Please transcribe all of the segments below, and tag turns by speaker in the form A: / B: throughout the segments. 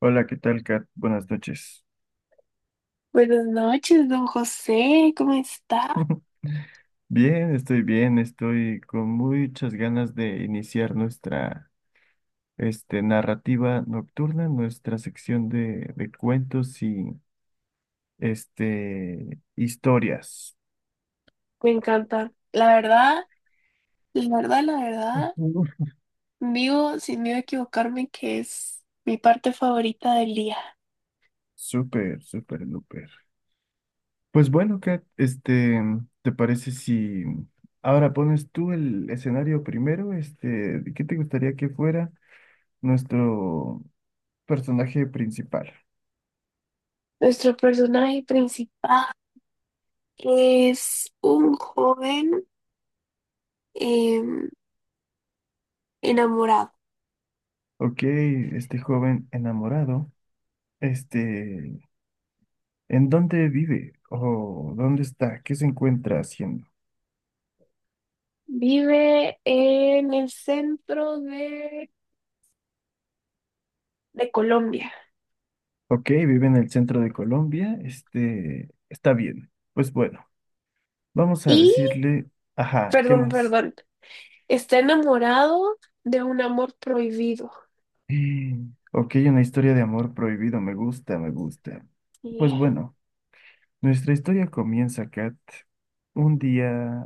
A: Hola, ¿qué tal, Kat? Buenas noches.
B: Buenas noches, don José, ¿cómo está?
A: Bien, estoy con muchas ganas de iniciar nuestra narrativa nocturna, nuestra sección de cuentos y historias.
B: Me encanta. La verdad, la verdad, la verdad,
A: Uf.
B: digo sin miedo a equivocarme que es mi parte favorita del día.
A: Súper, súper, súper. Pues bueno, Kat, ¿te parece si ahora pones tú el escenario primero? ¿Qué te gustaría que fuera nuestro personaje principal?
B: Nuestro personaje principal es un joven em, enamorado.
A: Ok, este joven enamorado, este, ¿en dónde vive? ¿O dónde está? ¿Qué se encuentra haciendo?
B: Vive en el centro de Colombia.
A: Ok, vive en el centro de Colombia, está bien. Pues bueno, vamos a
B: Y,
A: decirle, ajá, ¿qué
B: perdón,
A: más?
B: perdón, está enamorado de un amor prohibido.
A: Mm, Ok, una historia de amor prohibido, me gusta, me gusta. Pues
B: Yeah.
A: bueno, nuestra historia comienza, Kat, un día,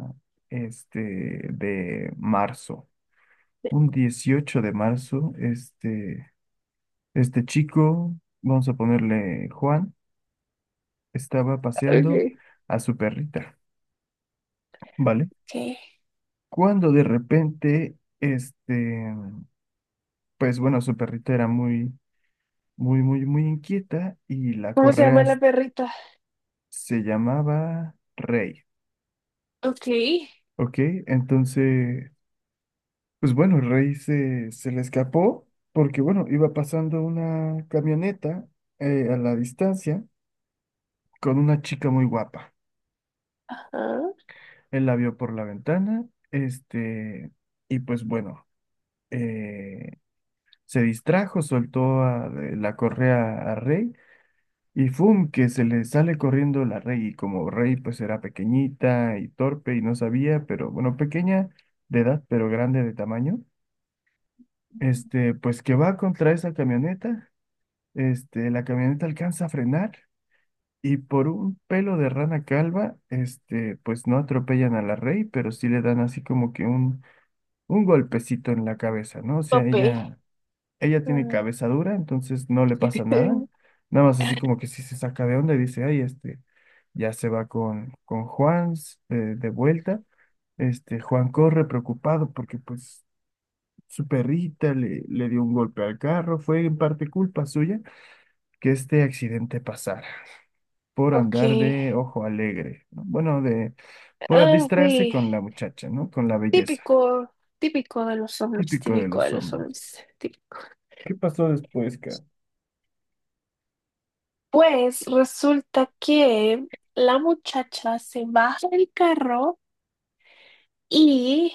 A: este, de marzo, un 18 de marzo. Este chico, vamos a ponerle Juan, estaba paseando
B: Okay.
A: a su perrita, ¿vale?
B: Ok.
A: Cuando de repente, pues bueno, su perrita era muy, muy, muy, muy inquieta y la
B: ¿Cómo se
A: correa
B: llama la perrita?
A: se llamaba Rey,
B: Ok.
A: ¿ok? Entonces, pues bueno, Rey se le escapó porque, bueno, iba pasando una camioneta a la distancia con una chica muy guapa.
B: Ajá.
A: Él la vio por la ventana, este, y pues bueno, eh, se distrajo, soltó de la correa a Rey y ¡fum! Que se le sale corriendo la Rey y como Rey pues era pequeñita y torpe y no sabía, pero bueno, pequeña de edad, pero grande de tamaño, pues que va contra esa camioneta, la camioneta alcanza a frenar. Y por un pelo de rana calva, pues no atropellan a la Rey, pero sí le dan así como que un golpecito en la cabeza, ¿no? O sea,
B: Tope.
A: ella tiene
B: Ah,
A: cabeza dura, entonces no le pasa nada. Nada más así como que si se saca de onda y dice, ay, ya se va con Juan de vuelta. Juan corre preocupado porque pues su perrita le dio un golpe al carro. Fue en parte culpa suya que este accidente pasara por
B: Ok.
A: andar de ojo alegre, ¿no? Bueno, de por
B: Ah,
A: distraerse
B: sí.
A: con la muchacha, ¿no? Con la belleza,
B: Típico, típico de los hombres,
A: típico de
B: típico de
A: los
B: los
A: hombres.
B: hombres, típico.
A: ¿Qué pasó después, cara?
B: Pues resulta que la muchacha se baja del carro y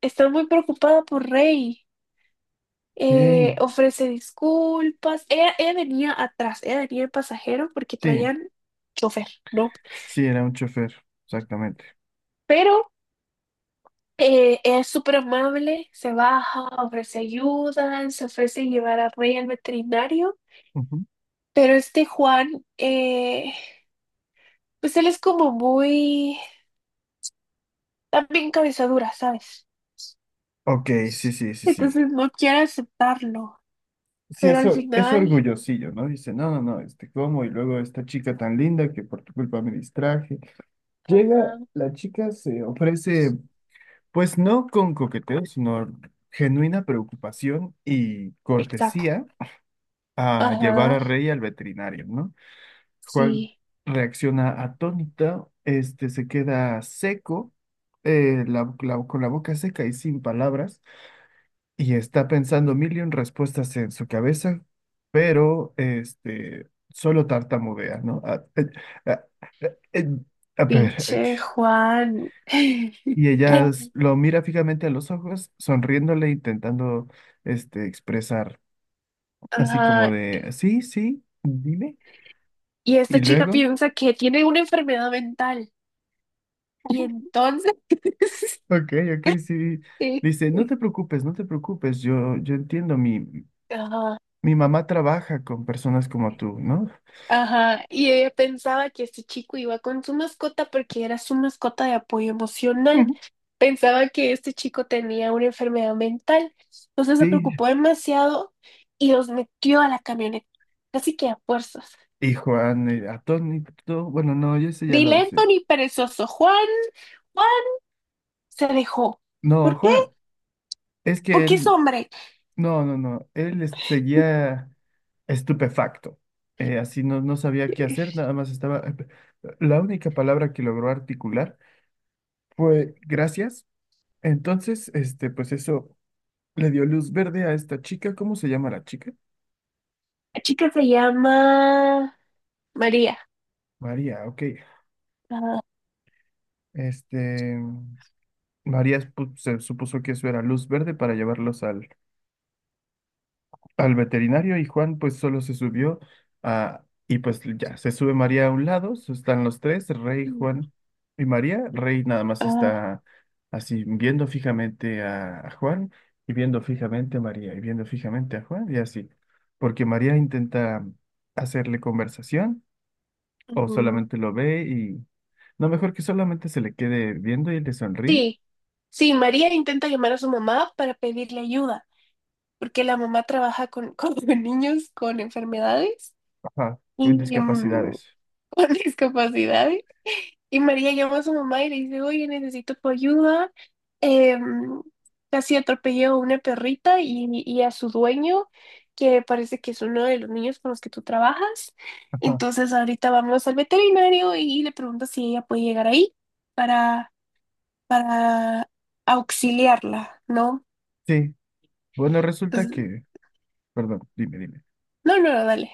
B: está muy preocupada por Rey.
A: Sí,
B: Ofrece disculpas. Ella venía atrás, ella venía el pasajero porque
A: sí,
B: traían chofer, ¿no?
A: sí, era un chofer, exactamente.
B: Pero es súper amable, se baja, ofrece ayuda, se ofrece llevar a Rey al veterinario,
A: Ujú.
B: pero este Juan, pues él es como muy, también cabeza dura, ¿sabes?
A: Ok, sí, sí, sí, sí.
B: Entonces no quiere aceptarlo,
A: Sí,
B: pero al
A: es
B: final,
A: orgullosillo, ¿no? Dice, no, no, no, ¿cómo? Y luego esta chica tan linda que por tu culpa me distraje. Llega,
B: ajá,
A: la chica se ofrece, pues no con coqueteo, sino genuina preocupación y
B: exacto,
A: cortesía a llevar a
B: ajá,
A: Rey al veterinario, ¿no? Juan
B: sí,
A: reacciona atónita, se queda seco, con la boca seca y sin palabras, y está pensando mil y un respuestas en su cabeza, pero solo tartamudea, ¿no? Ah, eh, eh, a ver,
B: pinche Juan,
A: y ella lo mira fijamente a los ojos, sonriéndole, intentando expresar así como
B: ajá,
A: de sí, sí, dime,
B: y
A: y
B: esta chica
A: luego.
B: piensa que tiene una enfermedad mental, y entonces,
A: Ok, ok, sí.
B: sí,
A: Dice, no te preocupes, no te preocupes, yo entiendo, mi,
B: ajá.
A: mi mamá trabaja con personas como tú, ¿no?
B: Ajá, y ella pensaba que este chico iba con su mascota porque era su mascota de apoyo emocional.
A: Ujú.
B: Pensaba que este chico tenía una enfermedad mental. Entonces se
A: Sí.
B: preocupó demasiado y los metió a la camioneta, casi que a fuerzas.
A: Y Juan, atónito, bueno, no, yo ese ya
B: Ni
A: lo usé.
B: lento ni perezoso. Juan, Juan se dejó.
A: No,
B: ¿Por qué?
A: Juan, es que
B: Porque es
A: él,
B: hombre.
A: no, no, no, seguía estupefacto. Así no, no sabía qué hacer, nada más estaba... La única palabra que logró articular fue gracias. Entonces, pues eso le dio luz verde a esta chica. ¿Cómo se llama la chica?
B: La chica se llama María.
A: María, ok.
B: Ah,
A: Este, María se supuso que eso era luz verde para llevarlos al veterinario y Juan pues solo se subió y pues ya, se sube María a un lado, están los tres, Rey, Juan y María. Rey nada más
B: ah,
A: está así viendo fijamente a Juan y viendo fijamente a María y viendo fijamente a Juan y así, porque María intenta hacerle conversación o
B: ujú.
A: solamente lo ve y... No, mejor que solamente se le quede viendo y le sonríe.
B: Sí, sí, María intenta llamar a su mamá para pedirle ayuda, porque la mamá trabaja con niños con enfermedades
A: Ajá, con
B: y
A: discapacidades.
B: con discapacidades. Y María llama a su mamá y le dice, oye, necesito tu ayuda. Em, casi atropelló a una perrita y a su dueño, que parece que es uno de los niños con los que tú trabajas.
A: Ajá.
B: Entonces ahorita vamos al veterinario y le preguntas si ella puede llegar ahí para para auxiliarla, ¿no?
A: Sí, bueno, resulta
B: Entonces,
A: que, perdón, dime, dime.
B: no, no, no, dale.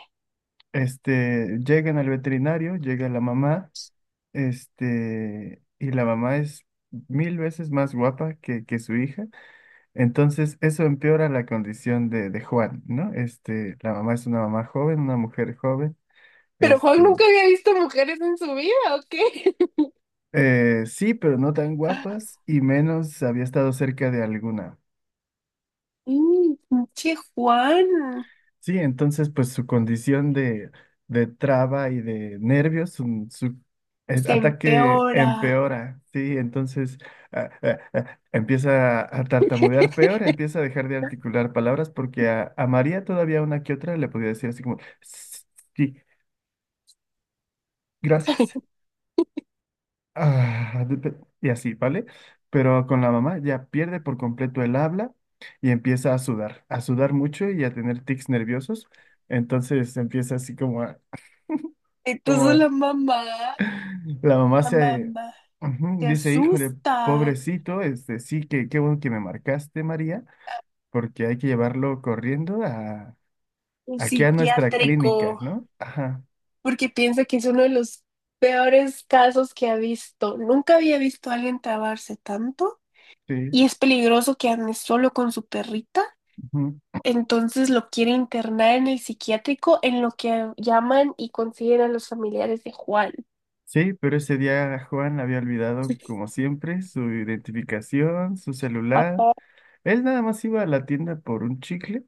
A: Llegan al veterinario, llega la mamá, y la mamá es mil veces más guapa que su hija, entonces eso empeora la condición de Juan, ¿no? La mamá es una mamá joven, una mujer joven,
B: Pero Juan
A: este,
B: nunca había visto mujeres en su vida, ¿o qué?
A: sí, pero no tan guapas y menos había estado cerca de alguna.
B: Pinche Juan,
A: Sí, entonces pues su condición de traba y de nervios, su
B: se
A: ataque
B: empeora.
A: empeora, sí, entonces empieza a tartamudear peor, empieza a dejar de articular palabras porque a María todavía una que otra le podía decir así como, sí, gracias, ah, de- de- y así, ¿vale? Pero con la mamá ya pierde por completo el habla y empieza a sudar mucho y a tener tics nerviosos. Entonces empieza así como
B: Entonces
A: como
B: la mamá,
A: la mamá
B: la
A: se
B: mamá
A: ujú,
B: se
A: dice, híjole,
B: asusta,
A: pobrecito, sí, que qué bueno que me marcaste, María, porque hay que llevarlo corriendo
B: un
A: aquí a nuestra clínica,
B: psiquiátrico,
A: ¿no? Ajá,
B: porque piensa que es uno de los peores casos que ha visto. Nunca había visto a alguien trabarse tanto
A: sí.
B: y es peligroso que ande solo con su perrita.
A: Ujú.
B: Entonces lo quiere internar en el psiquiátrico en lo que llaman y consideran los familiares de Juan.
A: Sí, pero ese día Juan había olvidado, como siempre, su identificación, su celular.
B: Papá,
A: Él nada más iba a la tienda por un chicle,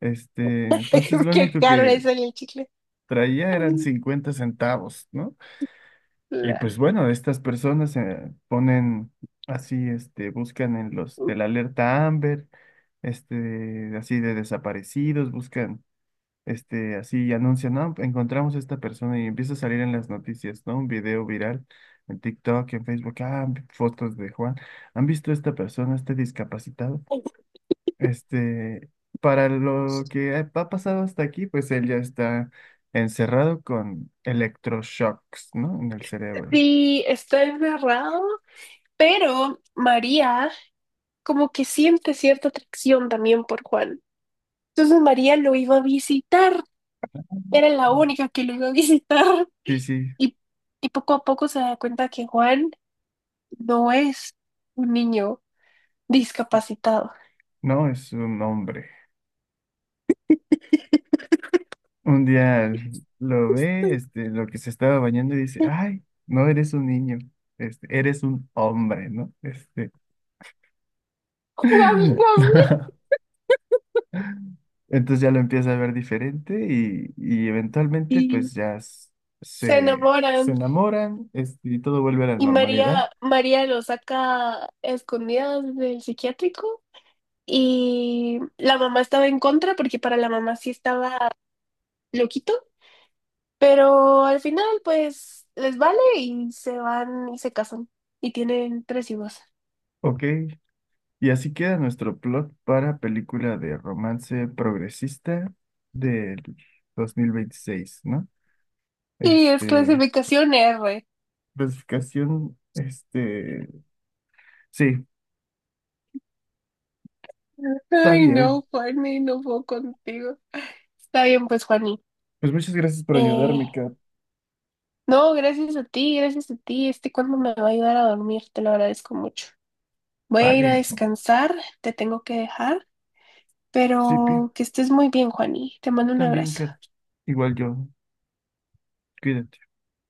A: entonces lo
B: qué
A: único
B: caro
A: que
B: es el chicle.
A: traía eran
B: Ay,
A: 50 centavos, ¿no? Y
B: La-
A: pues bueno, estas personas se ponen así, buscan en los de la alerta Amber, así de desaparecidos, buscan, así y anuncian, no, encontramos a esta persona y empieza a salir en las noticias, ¿no? Un video viral en TikTok, en Facebook, fotos de Juan. ¿Han visto a esta persona, este discapacitado? Este, para lo que ha pasado hasta aquí, pues él ya está encerrado con electroshocks, ¿no? En el cerebro.
B: Sí, está encerrado, pero María como que siente cierta atracción también por Juan. Entonces María lo iba a visitar, era la única que lo iba a visitar
A: Sí, sí.
B: y, y poco a poco se da cuenta que Juan no es un niño discapacitado.
A: No, es un hombre. Un día lo ve, lo que se estaba bañando y dice, ay, no eres un niño, eres un hombre, ¿no?
B: Juan Gabriel.
A: Entonces ya lo empieza a ver diferente y eventualmente
B: Y
A: pues ya
B: se
A: se, se
B: enamoran.
A: enamoran, y todo vuelve a la
B: Y
A: normalidad.
B: María, María lo saca a escondidas del psiquiátrico. Y la mamá estaba en contra porque para la mamá sí estaba loquito. Pero al final, pues, les vale y se van y se casan. Y tienen tres hijos.
A: Ok, y así queda nuestro plot para película de romance progresista del 2026, ¿no?
B: Y es
A: Este...
B: clasificación R.
A: Clasificación, sí, está
B: Ay,
A: bien.
B: no, Juani, no puedo contigo. Está bien, pues, Juani.
A: Pues muchas gracias por
B: Eh,
A: ayudarme, Kat.
B: No, gracias a ti, gracias a ti. Este cuento me va a ayudar a dormir, te lo agradezco mucho. Voy a ir a
A: Vale,
B: descansar, te tengo que dejar,
A: Sipi,
B: pero que estés muy bien, Juani. Te mando un
A: también,
B: abrazo.
A: Kat. Igual yo, cuídate.